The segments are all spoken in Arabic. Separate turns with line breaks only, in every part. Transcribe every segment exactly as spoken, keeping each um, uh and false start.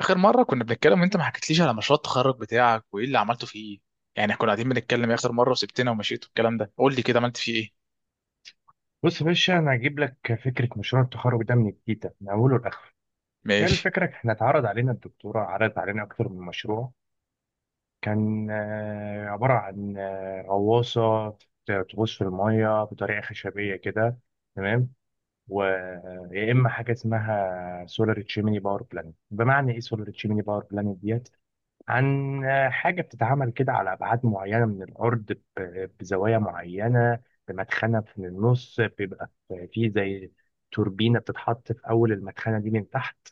آخر مرة كنا بنتكلم وأنت ما حكيتليش على مشروع التخرج بتاعك وإيه اللي عملته فيه. يعني إحنا كنا قاعدين بنتكلم إيه آخر مرة وسبتنا ومشيت والكلام ده، قول لي كده عملت فيه إيه.
بص يا باشا، انا هجيب لك فكره مشروع التخرج ده من التيتا من اوله لاخره. هي
ماشي.
الفكره، احنا اتعرض علينا الدكتوره عرضت علينا اكتر من مشروع. كان آه، عباره عن آه، غواصه بت- تغوص في الميه بطريقه خشبيه كده. تمام. ويا اما حاجه اسمها سولار تشيميني باور بلانت، بمعنى ايه سولار تشيميني باور بلانت ديت؟ عن حاجة بتتعمل كده على أبعاد معينة من الأرض، ب- بزوايا معينة، بمدخنة في النص، بيبقى في في زي توربينة بتتحط في أول المدخنة دي من تحت،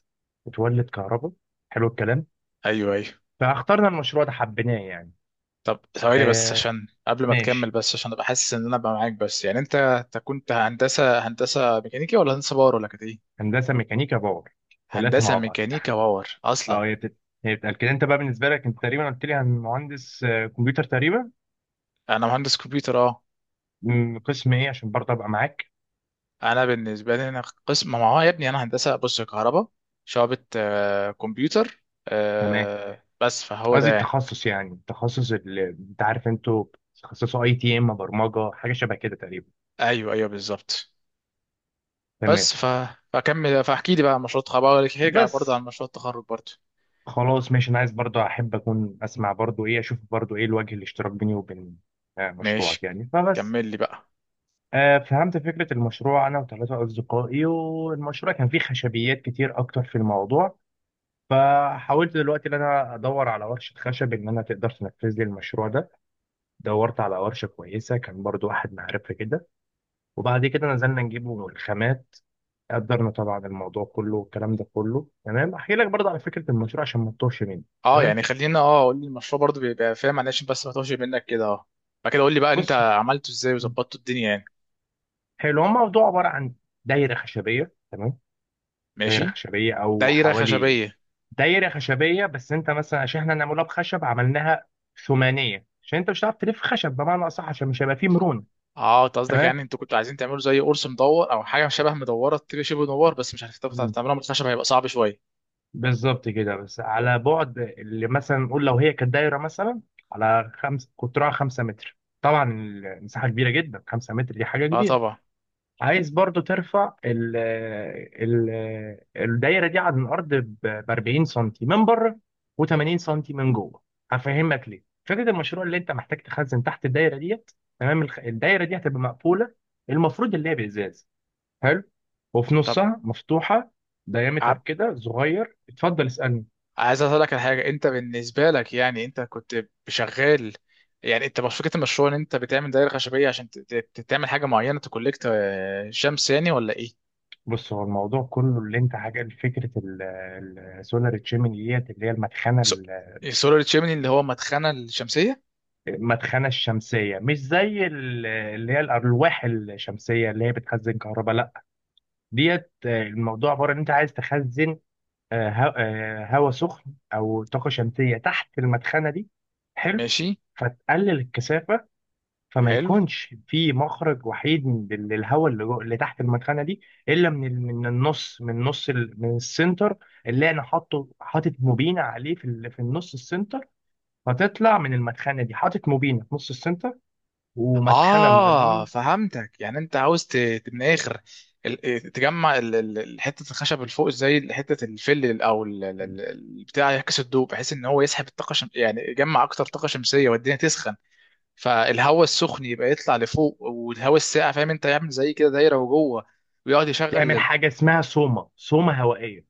بتولد كهرباء. حلو الكلام.
أيوه أيوه.
فاخترنا المشروع ده، حبيناه يعني.
طب ثواني بس
آه
عشان قبل ما تكمل،
ماشي.
بس عشان أبقى حاسس إن أنا بقى معاك، بس يعني أنت أنت كنت هندسة هندسة ميكانيكا ولا هندسة باور ولا كانت إيه؟
هندسة ميكانيكا باور. ثلاثة
هندسة
مع بعض.
ميكانيكا باور أصلا.
اه هي بتت- هي بتتقال كده. أنت بقى بالنسبة لك، أنت تقريبا قلت لي عن مهندس آه، كمبيوتر تقريبا.
أنا مهندس كمبيوتر أه.
مم، قسم إيه؟ عشان برضه أبقى معاك.
أنا بالنسبة لي أنا قسم، ما هو يا ابني أنا هندسة بص كهرباء، شعبة آه، كمبيوتر،
تمام.
آه، بس فهو ده
قصدي
يعني.
التخصص، يعني التخصص اللي انت عارف انتوا بتتخصصوا، اي تي ام، برمجه، حاجه شبه كده تقريبا.
ايوه ايوه بالظبط.
تمام.
بس ف... فكمل فاحكي لي بقى عن مشروع التخرج، بقى هرجع برضه
بس
عن مشروع التخرج برضه.
خلاص ماشي، انا عايز برضو، احب اكون اسمع برضو ايه، اشوف برضو ايه الوجه الاشتراك بيني وبين آه، مشروعك
ماشي
يعني، فبس.
كمل لي بقى.
آه، فهمت فكره المشروع انا وثلاثه اصدقائي، والمشروع كان فيه خشبيات كتير اكتر في الموضوع. فحاولت دلوقتي ان انا ادور على ورشه خشب ان انا تقدر تنفذ لي المشروع ده. دورت على ورشه كويسه، كان برضو احد معرفه كده. وبعد كده نزلنا نجيبه الخامات. قدرنا طبعا الموضوع كله، والكلام ده كله تمام. احكي لك برضه على فكره المشروع عشان ما تتوهش مني.
اه
تمام.
يعني خلينا، اه قول لي المشروع برضه، بيبقى فاهم، معلش بس ما توهش منك كده اه. بعد كده قول لي بقى انت
بص.
عملته ازاي وظبطته الدنيا يعني.
حلو، هو الموضوع عباره عن دايره خشبيه. تمام. دايره
ماشي.
خشبيه او
دايره
حوالي.
خشبيه.
دايره خشبيه، بس انت مثلا عشان احنا نعملها بخشب، عملناها ثمانيه عشان انت مش هتعرف تلف خشب، بمعنى اصح عشان مش هيبقى فيه مرونه.
اه انت قصدك
تمام.
يعني انتوا كنتوا عايزين تعملوا زي قرص مدور او حاجه شبه مدوره، تبقى شبه مدور بس مش هتعرفوا تعملوها من الخشب، هيبقى صعب شويه.
بالظبط كده، بس على بعد اللي مثلا نقول، لو هي كانت دايره مثلا على خمس، قطرها خمسة متر، طبعا المساحه كبيره جدا، خمسة متر دي حاجه
اه
كبيره.
طبعا.
عايز برضو ترفع ال ال الدايره دي عن الارض ب أربعين سنتي من بره، و80 سنتي من جوه. هفهمك ليه فكره المشروع، اللي انت محتاج تخزن تحت الدايره ديت. تمام. الخ- الدايره دي هتبقى مقفوله، المفروض اللي هي بازاز. حلو. وفي
طب
نصها مفتوحه، دايمتر كده صغير. اتفضل اسالني.
عايز اقول لك على حاجه، انت بالنسبه لك يعني انت كنت شغال، يعني انت، مش فكره المشروع ان انت بتعمل دايره خشبيه عشان ت- ت- تعمل حاجه معينه تكولكت آه، شمس يعني ولا ايه؟
بص، هو الموضوع كله اللي انت حاجه فكره، السولار تشيمني ديت اللي هي المدخنه ال-
سولار تشيمني اللي هو مدخنه الشمسيه.
المدخنه الشمسيه، مش زي ال- اللي هي الالواح الشمسيه اللي هي بتخزن كهرباء. لا، ديت آه، الموضوع عباره ان انت عايز تخزن آه، هوا آه، هوا سخن او طاقه شمسيه تحت المدخنه دي. حلو.
ماشي.
فتقلل الكثافه، فما
حلو.
يكونش في مخرج وحيد من- لل- للهواء اللي جو- اللي تحت المدخنه دي، الا من ال- من النص، من نص ال- من السنتر، اللي انا حاطه حاطط موبينه عليه في ال- في النص السنتر. فتطلع من المدخنه دي، حاطط موبينه في نص السنتر ومدخنه
اه
من
فهمتك، يعني انت عاوز ت- ت- من الاخر ال- إيه، تجمع ال- ال- ال- حته الخشب اللي فوق زي حته الفل او ال- ال- ال- البتاع، يعكس الضوء بحيث ان هو يسحب الطاقه الشم... يعني يجمع اكتر طاقه شمسيه والدنيا تسخن، فالهواء السخن يبقى يطلع لفوق والهواء الساقع، فاهم انت، يعمل زي كده دايره وجوه، ويقعد
تعمل
يشغل.
حاجه اسمها سوما، سوما هوائيه.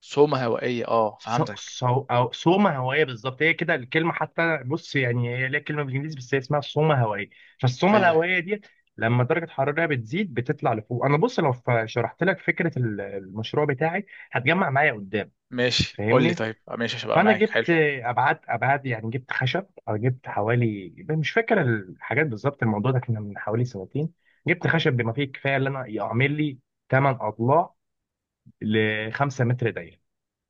سومه هوائيه، اه
سو
فهمتك.
سو أو صومة هوائية، بالظبط، هي كده الكلمة حتى. بص يعني هي ليها كلمة بالإنجليزي، بس هي اسمها صومة هوائية. فالصومة
ايوه.
الهوائية دي لما درجة حرارتها بتزيد، بتطلع لفوق. أنا بص، لو ف- شرحت لك فكرة ال- المشروع بتاعي، هتجمع معايا قدام.
ماشي قول لي
فاهمني.
طيب، آه، ماشي هبقى
فأنا
معاك. حلو.
جبت أبعاد أبعاد، يعني جبت خشب أو جبت حوالي، مش فاكر الحاجات بالظبط، الموضوع ده كنا من حوالي سنتين. جبت خشب بما فيه الكفاية، اللي أنا يعمل لي ثماني أضلاع ل خمسة متر دايرة،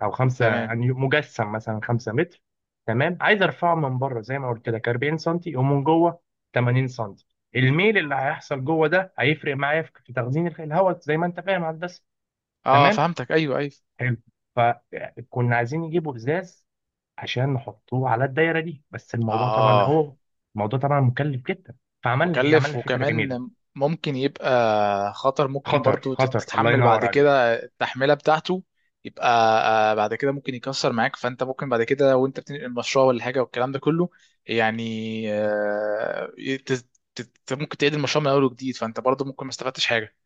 او خمسة
تمام.
يعني مجسم مثلا خمسة متر. تمام. عايز ارفعه من بره زي ما قلت لك أربعين سنتي، ومن جوه ثمانين سنتي. الميل اللي هيحصل جوه ده هيفرق معايا في في تخزين الخ- الهواء، زي ما انت فاهم يا هندسه.
اه
تمام.
فهمتك ايوه ايوه.
حلو. فكنا عايزين نجيبوا ازاز عشان نحطوه على الدايره دي، بس الموضوع طبعا
اه.
هو، الموضوع طبعا مكلف جدا. فعملنا ايه؟
مكلف
عملنا فكره جميله.
وكمان ممكن يبقى خطر، ممكن
خطر
برضو
خطر، الله
تتحمل
ينور
بعد
عليك.
كده التحملة بتاعته، يبقى آه، بعد كده ممكن يكسر معاك، فانت ممكن بعد كده وانت بتنقل المشروع ولا حاجة والكلام ده كله يعني، آه، ت- ت- ت- ممكن تعيد المشروع من اول وجديد فانت برضو ممكن ما استفدتش حاجة.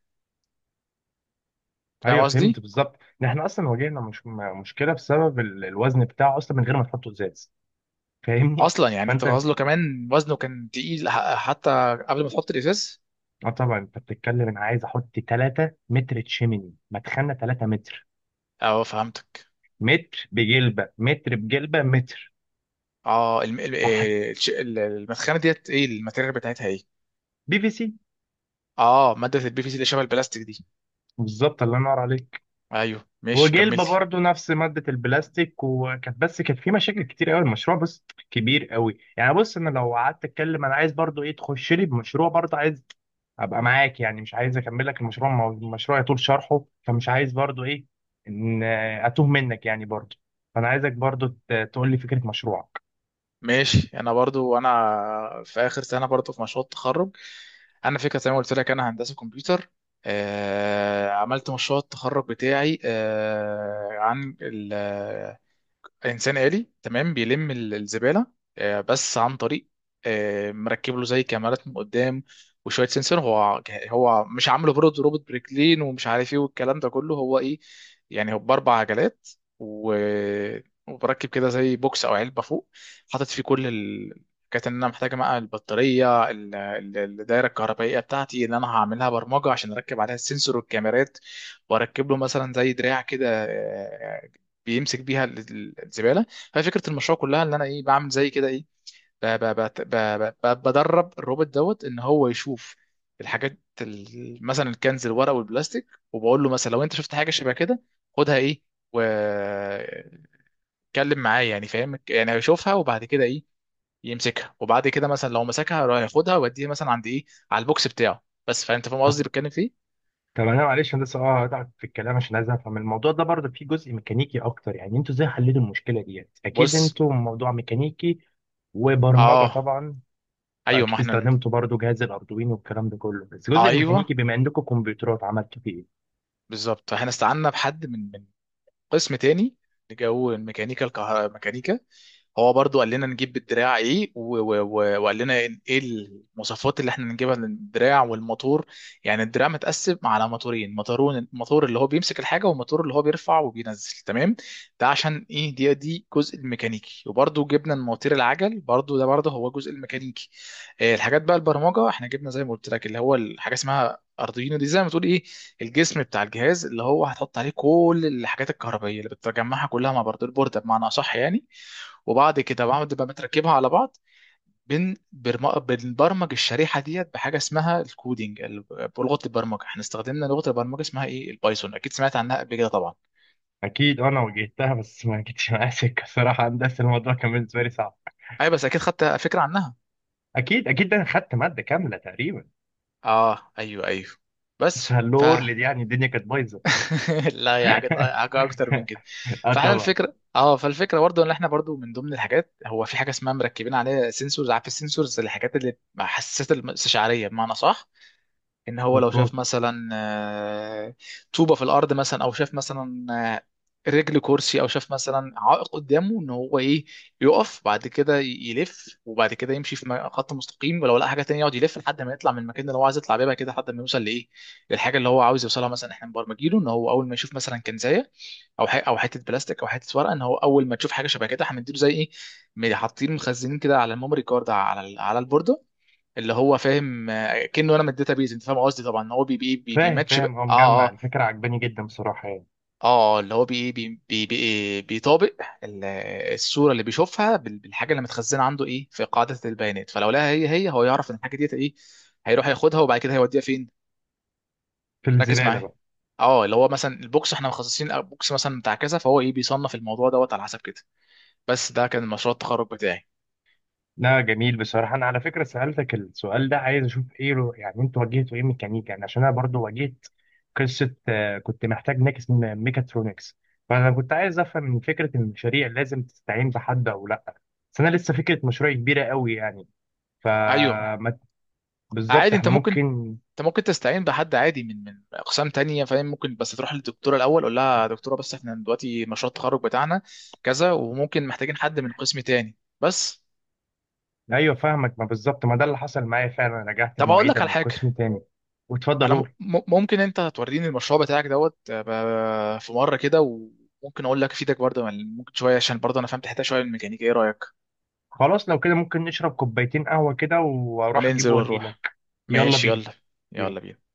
فاهم
ايوه، فهمت
قصدي؟
بالظبط ان احنا اصلا واجهنا مش م- مشكله بسبب ال- الوزن بتاعه اصلا، من غير ما تحطه ازاز. فاهمني.
اصلا يعني انت
فانت
غازله كمان وزنه كان تقيل ح- حتى قبل ما تحط الازاز.
اه طبعا، انت بتتكلم، انا عايز احط تلات متر تشيميني، مدخلنا ثلاثة متر،
اه فهمتك.
متر بجلبه، متر بجلبه متر.
اه الم- ال-
فحط
آه، الش- ال- المدخنة ديت ايه الماتيريال بتاعتها ايه؟
بي في سي.
اه ماده البي في سي اللي شبه البلاستيك دي.
بالظبط، الله ينور عليك.
ايوه ماشي
وجلبه
كملتي.
برضو نفس ماده البلاستيك. وكانت بس كانت في مشاكل كتير قوي، المشروع بس كبير قوي يعني. بص انا لو قعدت اتكلم، انا عايز برضو ايه تخش لي بمشروع، برضو عايز ابقى معاك، يعني مش عايز اكمل لك المشروع، ما هو المشروع يطول شرحه، فمش عايز برضو ايه ان اتوه منك يعني برضو. فانا عايزك برضو ت- تقول لي فكره مشروعك.
ماشي انا برضو انا في اخر سنه برضو في مشروع التخرج، انا فكره زي ما قلت لك انا هندسه كمبيوتر. آه عملت مشروع التخرج بتاعي آه عن انسان آلي، تمام، بيلم ال- الزبالة، آه، بس عن طريق، آه، مركب له زي كاميرات من قدام وشوية سنسور، هو هو مش عامله برضه روبوت بريكلين ومش عارف ايه والكلام ده كله، هو ايه يعني، هو بأربع عجلات، و... وبركب كده زي بوكس او علبة فوق، حاطط فيه كل ال... كانت ان انا محتاجه بقى البطاريه ال- ال- الدايره الكهربائيه بتاعتي، اللي انا هعملها برمجه عشان اركب عليها السنسور والكاميرات، واركب له مثلا زي دراع كده آه، بيمسك بيها ال- ال- الزباله. فهي فكره المشروع كلها ان انا ايه، بعمل زي كده ايه، ب- ب- بت- ب- ب- ب- بدرب الروبوت دوت ان هو يشوف الحاجات ال- مثلا الكنز الورق والبلاستيك، وبقول له مثلا لو انت شفت حاجه شبه كده خدها ايه، واتكلم معايا، يعني فاهم، يعني هيشوفها وبعد كده ايه، يمسكها وبعد كده مثلا لو مسكها يروح ياخدها ويوديها مثلا عند ايه، على البوكس بتاعه بس، فانت فاهم قصدي
طب
بتكلم فيه.
طب، انا معلش، انا لسه اه هتعب في الكلام عشان عايز افهم الموضوع ده. برضو فيه جزء ميكانيكي اكتر يعني، انتوا ازاي حليتوا المشكله ديت؟ اكيد
بص.
انتوا موضوع ميكانيكي وبرمجه
اه.
طبعا.
ايوه ما
اكيد
احنا.
استخدمتوا برضو جهاز الاردوين والكلام ده كله، بس الجزء
ايوه
الميكانيكي بما عندكم كمبيوترات، عملتوا فيه ايه؟
بالظبط، احنا استعنا بحد من من قسم تاني جو الميكانيكا، الكه... ميكانيكا، هو برضو قال لنا نجيب الدراع ايه و... و... و... وقال لنا ايه المواصفات اللي احنا نجيبها للدراع والموتور. يعني الدراع متقسم على موتورين، موتورون، موتور اللي هو بيمسك الحاجه والموتور اللي هو بيرفع وبينزل، تمام، ده عشان ايه، دي دي جزء الميكانيكي، وبرضو جبنا المواتير، العجل برضو ده برضو هو جزء الميكانيكي. آه، الحاجات بقى البرمجه، احنا جبنا زي ما قلت لك اللي هو الحاجه اسمها ارضينا دي، زي ما تقول ايه، الجسم بتاع الجهاز اللي هو هتحط عليه كل الحاجات الكهربائيه اللي بتجمعها كلها مع برض البورده بمعنى اصح يعني، وبعد كده بعد ما بتركبها على بعض، بن برم- بنبرمج الشريحه ديت بحاجه اسمها الكودينج ال- بلغه البرمجه، احنا استخدمنا لغه البرمجه اسمها ايه البايثون، اكيد سمعت عنها قبل كده طبعا.
اكيد انا واجهتها، بس ما جتش معايا سكه صراحه. هندسه الموضوع كان بالنسبه لي صعب.
ايوه بس اكيد خدت فكره عنها.
اكيد اكيد، ده انا خدت ماده كامله تقريبا.
اه ايوه ايوه.
بس
بس
هاللور اللي دي يعني الدنيا كانت بايظه.
لا هي حاجات حاجة اكتر من كده.
اه
فاحنا
طبعا.
الفكره اه، فالفكره برضو ان احنا برضو من ضمن الحاجات، هو في حاجه اسمها مركبين عليها سنسورز، عارف السنسورز الحاجات اللي حساسات الاستشعاريه بمعنى صح، ان هو لو شاف
مظبوط.
مثلا آه، طوبة في الارض مثلا، او شاف مثلا آه، رجل كرسي، او شاف مثلا عائق قدامه، ان هو ايه يقف بعد كده يلف وبعد كده يمشي في م- خط مستقيم، ولو لقى حاجه تانية يقعد يلف لحد ما يطلع من المكان اللي هو عايز يطلع بيه، بعد كده لحد ما يوصل لايه، للحاجه اللي هو عاوز يوصلها. مثلا احنا مبرمجينه ان هو اول ما يشوف مثلا كنزايه او ح- او حته بلاستيك او حته ورقه، ان هو اول ما تشوف حاجه شبه كده هنديله زي ايه، حاطين مخزنين كده على الميموري كارد على ال- على البورده، اللي هو فاهم آه، كأنه انا من الداتابيز، انت فاهم قصدي طبعا، هو بي بي بي
فاهم
بيماتش بقى-
فاهم، هو
اه
مجمع
اه.
الفكره عجباني جدا بصراحه يعني.
اه اللي هو بي بي بي بي بيطابق ال- الصوره اللي بيشوفها بال- بالحاجه اللي متخزنه عنده ايه في قاعده البيانات، فلو لقاها هي هي هو يعرف ان الحاجه ديت ايه، هيروح ياخدها وبعد كده هيوديها فين.
في
ركز
الزباله
معايا.
بقى.
اه اللي هو مثلا البوكس احنا مخصصين بوكس مثلا بتاع كذا، فهو ايه بيصنف الموضوع دوت على حسب كده. بس ده كان مشروع التخرج بتاعي.
لا جميل بصراحه، انا على فكره سالتك السؤال ده عايز اشوف ايه رو... يعني انتوا واجهتوا ايه ميكانيكا يعني، عشان انا برضو واجهت قصه. آه، كنت محتاج ناكس من ميكاترونكس. فانا كنت عايز افهم من فكره المشاريع، لازم تستعين بحد او لا. بس انا لسه فكره مشروع كبيره قوي يعني.
ايوه
فما بالظبط
عادي انت
احنا
ممكن،
ممكن.
انت ممكن تستعين بحد عادي من من اقسام تانية فاهم، ممكن بس تروح للدكتوره الاول قول لها يا دكتوره بس احنا دلوقتي مشروع التخرج بتاعنا كذا وممكن محتاجين حد من قسم تاني بس.
ايوه، فاهمك، ما بالظبط ما ده اللي حصل معايا فعلا، رجعت
طب اقول لك
المعيده
على
من قسم
حاجه،
تاني.
ما
واتفضل
انا م-
قول.
م- ممكن انت توريني المشروع بتاعك دوت آه، ب- في مره كده، وممكن اقول لك افيدك برضه يعني ممكن شويه، عشان برضه انا فهمت حته شويه من الميكانيكا، ايه رايك؟
خلاص لو كده، ممكن نشرب كوبايتين قهوه كده، واروح اجيب
وننزل ونروح.
واجيلك. يلا
ماشي
بينا.
يلا. يلا بينا.